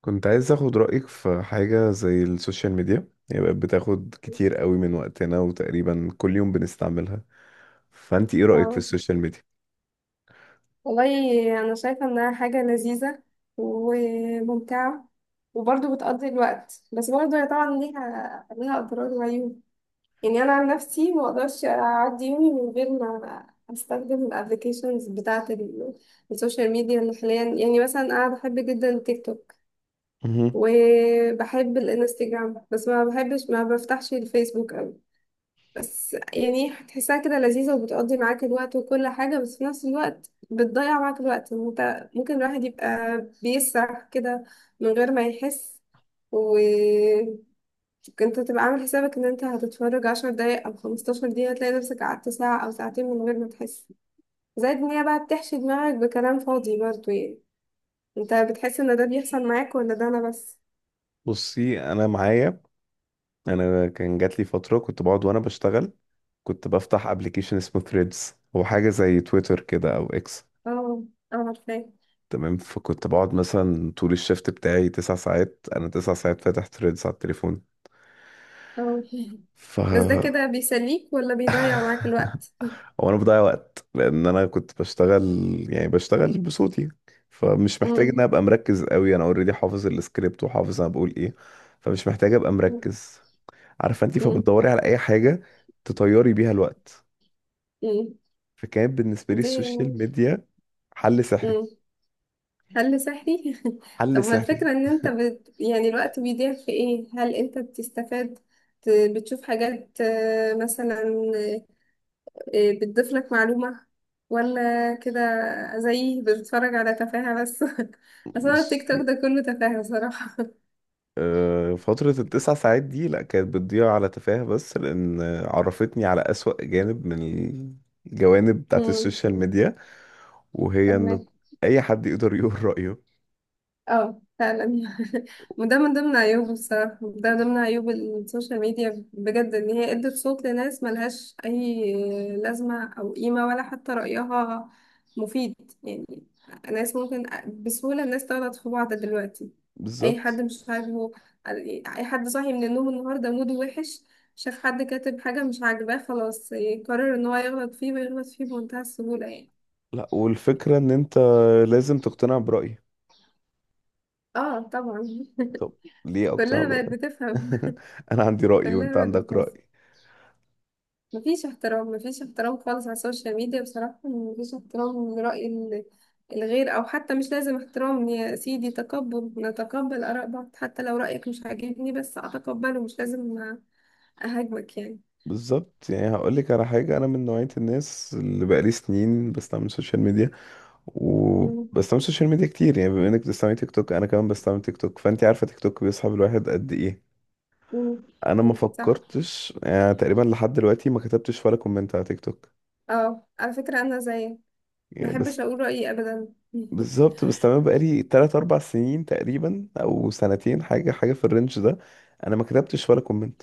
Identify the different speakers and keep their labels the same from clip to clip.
Speaker 1: كنت عايز اخد رأيك في حاجة زي السوشيال ميديا، هي بقت بتاخد كتير قوي من وقتنا وتقريبا كل يوم بنستعملها. فانت ايه رأيك في
Speaker 2: أو
Speaker 1: السوشيال ميديا؟
Speaker 2: والله أنا شايفة إنها حاجة لذيذة، وممتعة، وبرضه بتقضي الوقت. بس برضه هي طبعا ليها أضرار وعيوب. يعني أنا عن نفسي مقدرش أعدي يومي من غير ما أستخدم الأبليكيشنز بتاعة السوشيال ميديا اللي حاليا. يعني مثلا أنا بحب جدا التيك توك
Speaker 1: مهم.
Speaker 2: وبحب الانستجرام، بس ما بحبش ما بفتحش الفيسبوك. بس يعني هتحسها كده لذيذة وبتقضي معاك الوقت وكل حاجة، بس في نفس الوقت بتضيع معاك الوقت. انت ممكن الواحد يبقى بيسرح كده من غير ما يحس، وكنت تبقى عامل حسابك ان انت هتتفرج 10 دقايق او 15 دقيقة، تلاقي نفسك قعدت ساعة او ساعتين من غير ما تحس. زائد ان هي بقى بتحشي دماغك بكلام فاضي برضه. يعني انت بتحس ان ده بيحصل معاك ولا ده انا بس؟
Speaker 1: بصي، انا معايا. انا كان جات لي فترة كنت بقعد وانا بشتغل، كنت بفتح ابلكيشن اسمه ثريدز، هو حاجة زي تويتر كده او اكس.
Speaker 2: اه. اه عارفاه.
Speaker 1: تمام، فكنت بقعد مثلا طول الشفت بتاعي تسع ساعات انا 9 ساعات فاتح ثريدز على التليفون.
Speaker 2: اه
Speaker 1: ف
Speaker 2: بس ده كده بيسليك ولا بيضيع معاك الوقت؟
Speaker 1: هو انا بضيع وقت، لان انا كنت بشتغل، يعني بشتغل بصوتي، فمش محتاج ان أنا ابقى مركز قوي، انا اوريدي حافظ السكريبت وحافظ انا بقول ايه، فمش محتاج ابقى
Speaker 2: مم.
Speaker 1: مركز، عارفه انت؟
Speaker 2: مم.
Speaker 1: فبتدوري على اي حاجه تطيري بيها الوقت.
Speaker 2: مم.
Speaker 1: فكان بالنسبه لي
Speaker 2: دي.
Speaker 1: السوشيال ميديا حل سحري،
Speaker 2: مم. حل سحري.
Speaker 1: حل
Speaker 2: طب ما
Speaker 1: سحري.
Speaker 2: الفكرة ان انت يعني الوقت بيضيع في ايه؟ هل انت بتستفاد؟ بتشوف حاجات، مثلا، بتضيف لك معلومة، ولا كده زي بتتفرج على تفاهة بس؟ اصلا التيك توك
Speaker 1: بصي،
Speaker 2: ده كله تفاهة صراحة.
Speaker 1: آه، فترة التسع ساعات دي لأ، كانت بتضيع على تفاهة بس، لأن عرفتني على أسوأ جانب من الجوانب بتاعت
Speaker 2: مم.
Speaker 1: السوشيال ميديا، وهي انه
Speaker 2: فهمك.
Speaker 1: اي حد يقدر يقول رأيه.
Speaker 2: اه فعلا وده من ضمن عيوبه بصراحة، ده من ضمن عيوب السوشيال ميديا بجد، ان هي ادت صوت لناس ملهاش اي لازمة او قيمة، ولا حتى رأيها مفيد يعني. ناس ممكن، بسهولة الناس تغلط في بعض دلوقتي. اي حد
Speaker 1: بالظبط.
Speaker 2: مش عاجبه، اي حد صاحي من النوم النهاردة موده وحش شاف حد كاتب حاجة مش عاجباه، خلاص يقرر ان هو يغلط فيه، ويغلط فيه بمنتهى السهولة يعني.
Speaker 1: لا، والفكرة ان انت لازم تقتنع برأيي.
Speaker 2: اه طبعا
Speaker 1: طب ليه اقتنع
Speaker 2: كلها بقت
Speaker 1: برأيك؟
Speaker 2: بتفهم.
Speaker 1: انا عندي رأي وانت
Speaker 2: كلها بقت
Speaker 1: عندك
Speaker 2: بتنظر.
Speaker 1: رأي.
Speaker 2: مفيش احترام، مفيش احترام خالص على السوشيال ميديا بصراحة، مفيش احترام لرأي الغير، أو حتى مش لازم احترام. يا سيدي تقبل، نتقبل آراء بعض حتى لو رأيك مش عاجبني، بس أتقبله مش لازم أهاجمك يعني.
Speaker 1: بالظبط، يعني هقولك على حاجة، انا من نوعية الناس اللي بقالي سنين بستعمل سوشيال ميديا،
Speaker 2: مم.
Speaker 1: وبستعمل سوشيال ميديا كتير، يعني بما انك بتستعمل تيك توك انا كمان بستعمل تيك توك، فانت عارفة تيك توك بيسحب الواحد قد ايه.
Speaker 2: مم.
Speaker 1: انا ما
Speaker 2: مم. صح.
Speaker 1: فكرتش، يعني تقريبا لحد دلوقتي ما كتبتش ولا كومنت على تيك توك،
Speaker 2: اه على فكرة أنا زيك،
Speaker 1: يعني بس.
Speaker 2: محبش أقول رأيي أبدا
Speaker 1: بالظبط، بس تمام، بقالي تلات أربع سنين تقريبا أو سنتين، حاجة حاجة في الرينج ده، أنا ما كتبتش ولا كومنت.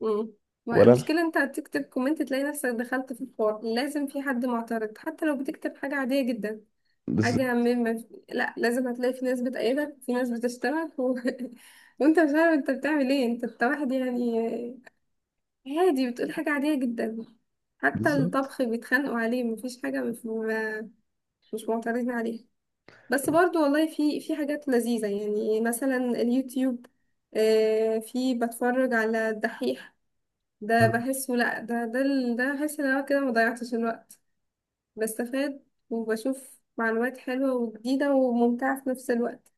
Speaker 2: مم.
Speaker 1: ولا ال-
Speaker 2: المشكلة انت تكتب كومنت، تلاقي نفسك دخلت في الحوار، لازم في حد معترض حتى لو بتكتب حاجة عادية جدا، حاجة
Speaker 1: بالظبط.
Speaker 2: من ما في... لا لازم هتلاقي في ناس بتأيدك، في ناس بتشتغل وانت مش عارف انت بتعمل ايه، انت واحد يعني عادي بتقول حاجة عادية جدا. حتى
Speaker 1: بالظبط.
Speaker 2: الطبخ بيتخانقوا عليه، مفيش حاجة مش مش معترضين عليها. بس برضو والله في حاجات لذيذة، يعني مثلا اليوتيوب، في بتفرج على الدحيح. ده
Speaker 1: آه.
Speaker 2: بحسه، لا، ده بحس ان انا كده مضيعتش الوقت. بستفاد وبشوف معلومات حلوة وجديدة وممتعة في نفس الوقت.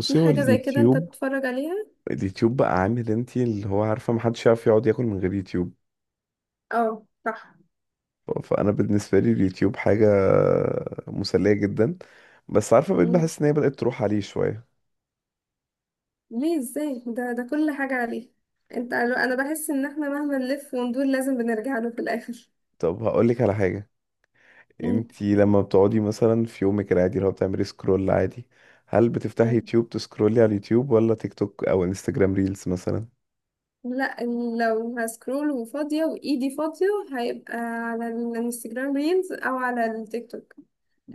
Speaker 2: في
Speaker 1: هو
Speaker 2: حاجة زي كده انت
Speaker 1: اليوتيوب
Speaker 2: تتفرج عليها؟
Speaker 1: اليوتيوب بقى عامل انتي، اللي هو عارفة محدش يعرف يقعد ياكل من غير يوتيوب.
Speaker 2: اه صح.
Speaker 1: فأنا بالنسبة لي اليوتيوب حاجة مسلية جدا، بس عارفة، بقيت
Speaker 2: مم.
Speaker 1: بحس إن هي بدأت تروح عليه شوية.
Speaker 2: ليه ازاي؟ ده كل حاجة عليه. انت، انا بحس ان احنا مهما نلف وندور لازم بنرجع له في الاخر.
Speaker 1: طب هقولك على حاجة،
Speaker 2: مم.
Speaker 1: انتي لما بتقعدي مثلا في يومك العادي، اللي هو بتعملي سكرول عادي، هل بتفتحي
Speaker 2: مم.
Speaker 1: يوتيوب تسكرولي على اليوتيوب، ولا تيك توك او انستجرام ريلز مثلا؟
Speaker 2: لا. لو هسكرول وفاضية وإيدي فاضية، هيبقى على الانستجرام ريلز أو على التيك توك.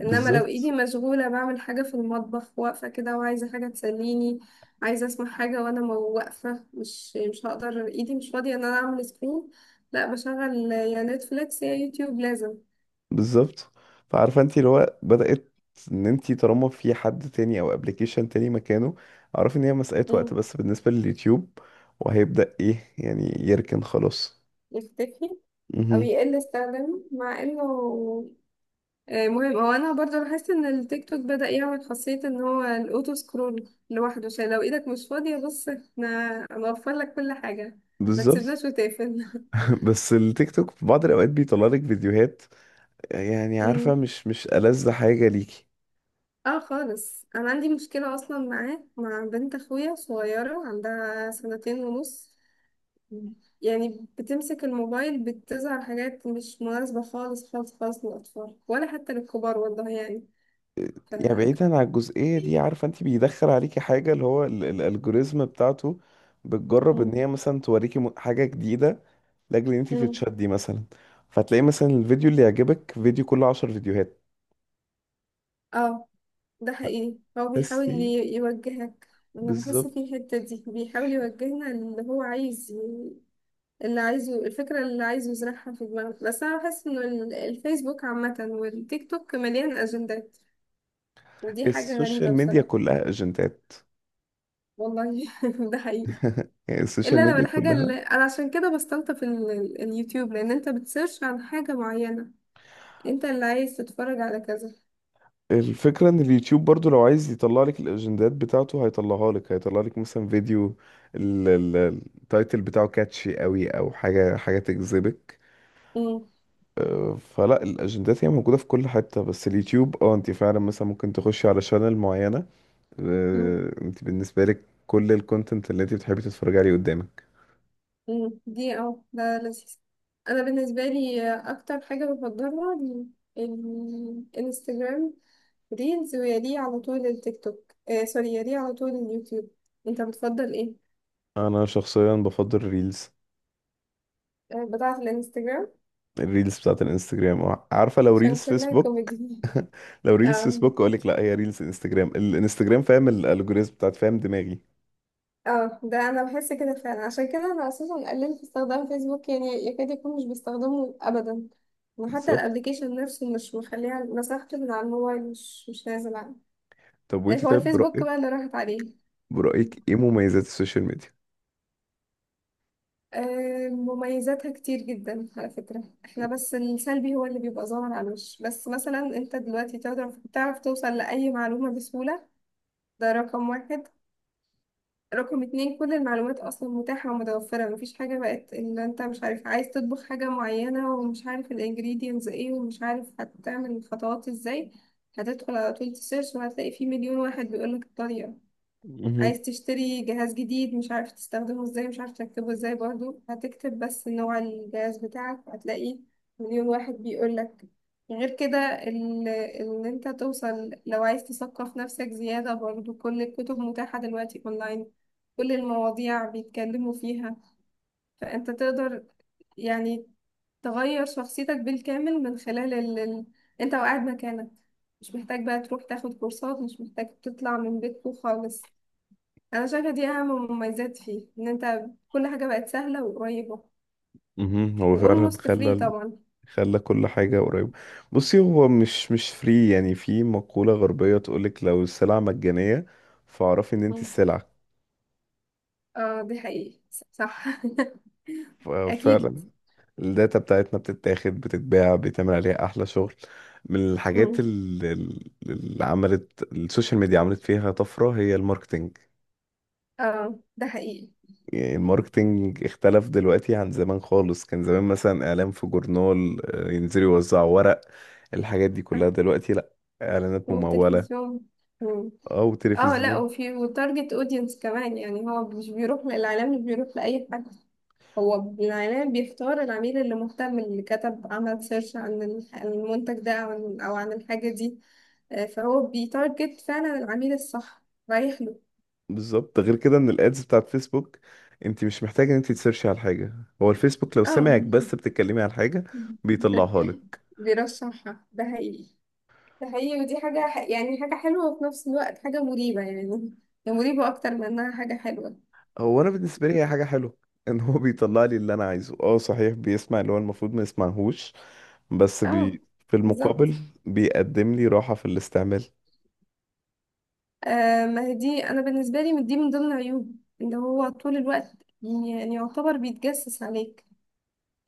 Speaker 2: إنما لو إيدي مشغولة بعمل حاجة في المطبخ، واقفة كده وعايزة حاجة تسليني، عايزة أسمع حاجة وأنا واقفة، مش هقدر، إيدي مش فاضية إن أنا أعمل سكرول، لا بشغل يا نتفليكس يا يوتيوب لازم.
Speaker 1: بالظبط. فعارفه انتي، اللي هو بدأت ان انتي طالما في حد تاني او ابلكيشن تاني مكانه، اعرف ان هي مسألة وقت
Speaker 2: مم.
Speaker 1: بس بالنسبة لليوتيوب، وهيبدأ ايه يعني، يركن خلاص.
Speaker 2: يختفي، أو
Speaker 1: مهم.
Speaker 2: يقل استخدامه مع إنه. مهم. هو انا برضه لاحظت ان التيك توك بدأ يعمل خاصية ان هو الاوتو سكرول لوحده، عشان لو ايدك مش فاضية، بص احنا هنوفر لك كل حاجة ما
Speaker 1: بالظبط.
Speaker 2: تسيبناش وتقفل
Speaker 1: بس التيك توك في بعض الاوقات بيطلع لك فيديوهات، يعني
Speaker 2: أمم.
Speaker 1: عارفه، مش ألذ حاجه ليكي.
Speaker 2: اه خالص، انا عندي مشكلة اصلا معاه، مع بنت اخويا صغيرة عندها سنتين ونص. أمم. يعني بتمسك الموبايل، بتظهر حاجات مش مناسبة خالص خالص خالص للأطفال، ولا حتى للكبار والله يعني. ف
Speaker 1: يعني بعيدا عن الجزئية دي، عارفة، انت بيدخل عليكي حاجة اللي هو الالجوريزم بتاعته، بتجرب ان
Speaker 2: أمم.
Speaker 1: هي مثلا توريكي حاجة جديدة، لاجل ان انت
Speaker 2: أمم.
Speaker 1: تتشدي مثلا، فتلاقي مثلا الفيديو اللي يعجبك، فيديو كله 10 فيديوهات.
Speaker 2: اه ده حقيقي، هو بيحاول
Speaker 1: تحسي.
Speaker 2: يوجهك. انا بحس
Speaker 1: بالظبط،
Speaker 2: في الحتة دي بيحاول يوجهنا، اللي هو عايز اللي عايزه، الفكرة اللي عايزه يزرعها في دماغنا. بس انا بحس انه الفيسبوك عامة والتيك توك مليان اجندات، ودي حاجة غريبة
Speaker 1: السوشيال ميديا
Speaker 2: بصراحة.
Speaker 1: كلها اجندات.
Speaker 2: والله ده حقيقي.
Speaker 1: يعني السوشيال
Speaker 2: الا لو
Speaker 1: ميديا
Speaker 2: الحاجة اللي
Speaker 1: كلها.
Speaker 2: انا، عشان كده بستلطف اليوتيوب، لان انت بتسيرش عن حاجة معينة، انت اللي عايز تتفرج على كذا.
Speaker 1: الفكرة ان اليوتيوب برضو لو عايز يطلع لك الاجندات بتاعته هيطلعها لك، هيطلع لك مثلا فيديو ال- ال- التايتل بتاعه كاتشي قوي، او حاجة حاجة تجذبك، فلا، الاجندات هي موجوده في كل حته. بس اليوتيوب، اه، انت فعلا مثلا ممكن تخشي على شانل معينه،
Speaker 2: مم.
Speaker 1: آه، انت بالنسبه لك كل الكونتنت اللي انت بتحبي تتفرجي عليه قدامك.
Speaker 2: مم. دي، اه ده لذيذ. انا بالنسبه لي اكتر حاجه بفضلها الانستجرام ريلز، ويليه على طول التيك توك، آه سوري، يليه على طول اليوتيوب. انت بتفضل ايه؟
Speaker 1: انا شخصيا بفضل الريلز،
Speaker 2: آه بتاعه الانستجرام؟
Speaker 1: الريلز بتاعت الانستجرام، آه، عارفه لو
Speaker 2: عشان
Speaker 1: ريلز
Speaker 2: كلها
Speaker 1: فيسبوك.
Speaker 2: كوميدي
Speaker 1: لو ريلز
Speaker 2: اه.
Speaker 1: فيسبوك اقول لك لا، هي ريلز انستجرام، الانستجرام فاهم الالجوريزم بتاعت، فاهم دماغي.
Speaker 2: اه ده انا بحس كده فعلا، عشان كده انا اساسا قللت استخدام فيسبوك، يعني يكاد يكون مش بستخدمه ابدا، وحتى
Speaker 1: بالظبط.
Speaker 2: الابلكيشن نفسه مش مخليها، مسحته من على الموبايل، مش نازل عنه.
Speaker 1: طب وانت
Speaker 2: هو
Speaker 1: طيب
Speaker 2: الفيسبوك
Speaker 1: برايك،
Speaker 2: بقى اللي راحت عليه.
Speaker 1: برايك ايه مميزات السوشيال ميديا؟
Speaker 2: مميزاتها كتير جدا على فكرة احنا، بس السلبي هو اللي بيبقى ظاهر على الوش. بس مثلا انت دلوقتي تعرف توصل لأي معلومة بسهولة، ده رقم واحد. رقم اتنين، كل المعلومات أصلا متاحة ومتوفرة، مفيش حاجة بقت إن أنت مش عارف. عايز تطبخ حاجة معينة ومش عارف الانجريدينتس ايه ومش عارف هتعمل الخطوات ازاي، هتدخل على طول تسيرش وهتلاقي فيه مليون واحد بيقولك الطريقة.
Speaker 1: مهم.
Speaker 2: عايز تشتري جهاز جديد مش عارف تستخدمه ازاي، مش عارف تركبه ازاي، برضو هتكتب بس نوع الجهاز بتاعك، هتلاقي مليون واحد بيقولك. غير كده ان انت توصل، لو عايز تثقف نفسك زيادة برضو، كل الكتب متاحة دلوقتي اونلاين، كل المواضيع بيتكلموا فيها. فانت تقدر يعني تغير شخصيتك بالكامل من خلال انت وقاعد مكانك، مش محتاج بقى تروح تاخد كورسات، مش محتاج تطلع من بيتكم خالص. انا شايفه دي اهم مميزات فيه، ان انت كل حاجه بقت سهله وقريبه،
Speaker 1: مهم. هو فعلا
Speaker 2: واولموست فري
Speaker 1: خلى
Speaker 2: طبعا.
Speaker 1: خلى كل حاجة قريبة. بصي، هو مش فري، يعني في مقولة غربية تقولك لو السلعة مجانية، فاعرفي ان انت
Speaker 2: مم.
Speaker 1: السلعة.
Speaker 2: اه دي حقيقي صح اكيد.
Speaker 1: فعلا الداتا بتاعتنا بتتاخد بتتباع بيتعمل عليها احلى شغل. من الحاجات
Speaker 2: مم.
Speaker 1: اللي عملت السوشيال ميديا عملت فيها طفرة، هي الماركتينج.
Speaker 2: اه ده حقيقي.
Speaker 1: يعني الماركتينج اختلف دلوقتي عن زمان خالص، كان زمان مثلا اعلان في جورنال، آه، ينزلوا يوزعوا ورق، الحاجات دي كلها دلوقتي لا. اعلانات ممولة،
Speaker 2: والتلفزيون. مم.
Speaker 1: او
Speaker 2: اه لا،
Speaker 1: تلفزيون.
Speaker 2: وفي وتارجت اودينس كمان، يعني هو مش بيروح للاعلام مش بيروح لاي حد، هو الاعلام بيختار العميل اللي مهتم، اللي كتب عمل سيرش عن عن المنتج ده، او عن أو عن الحاجه دي. فهو بيتارجت فعلا العميل الصح، رايح له.
Speaker 1: بالظبط، غير كده ان الادز بتاعت فيسبوك، انت مش محتاجه ان انت تسيرشي على حاجه، هو الفيسبوك لو
Speaker 2: اه
Speaker 1: سمعك بس بتتكلمي على حاجه بيطلعها لك.
Speaker 2: بيرشحها، ده حقيقي. ده حقيقي، ودي حاجة يعني حاجة حلوة، وفي نفس الوقت حاجة مريبة يعني، هي مريبة أكتر من إنها حاجة حلوة.
Speaker 1: هو انا بالنسبه لي هي حاجه حلوه، ان هو بيطلع لي اللي انا عايزه، اه صحيح بيسمع اللي هو المفروض ما يسمعهوش، بس
Speaker 2: اه.
Speaker 1: في
Speaker 2: بالظبط.
Speaker 1: المقابل بيقدم لي راحه في الاستعمال.
Speaker 2: آه ما هي دي، أنا بالنسبة لي من دي من ضمن عيوب، إن هو طول الوقت يعني يعتبر بيتجسس عليك.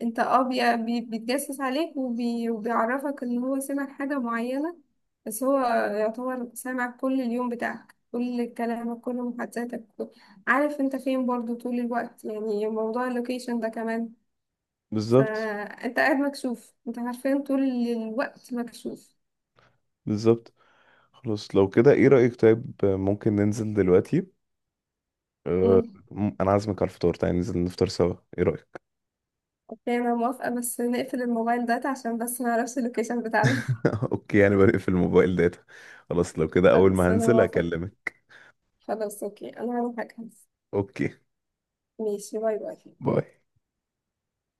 Speaker 2: انت اه بيتجسس عليك وبيعرفك ان هو سمع حاجة معينة. بس هو يعتبر سامع كل اليوم بتاعك، كل كلامك، كل محادثاتك، عارف انت فين برضو طول الوقت، يعني موضوع اللوكيشن ده كمان.
Speaker 1: بالظبط.
Speaker 2: فانت قاعد مكشوف، انت عارفين طول الوقت مكشوف.
Speaker 1: بالظبط. خلاص لو كده ايه رايك؟ طيب ممكن ننزل دلوقتي؟ أه.
Speaker 2: امم.
Speaker 1: انا عازمك على الفطار، تعالى ننزل نفطر سوا، ايه رايك؟
Speaker 2: اوكي انا موافقة، بس نقفل الموبايل ده عشان بس ما نعرفش اللوكيشن بتاعنا
Speaker 1: اوكي، يعني بقفل الموبايل داتا. خلاص لو كده اول ما
Speaker 2: بس انا
Speaker 1: هنزل
Speaker 2: موافقة.
Speaker 1: اكلمك.
Speaker 2: خلاص اوكي انا هروح اجهز.
Speaker 1: اوكي.
Speaker 2: ماشي، باي باي.
Speaker 1: باي.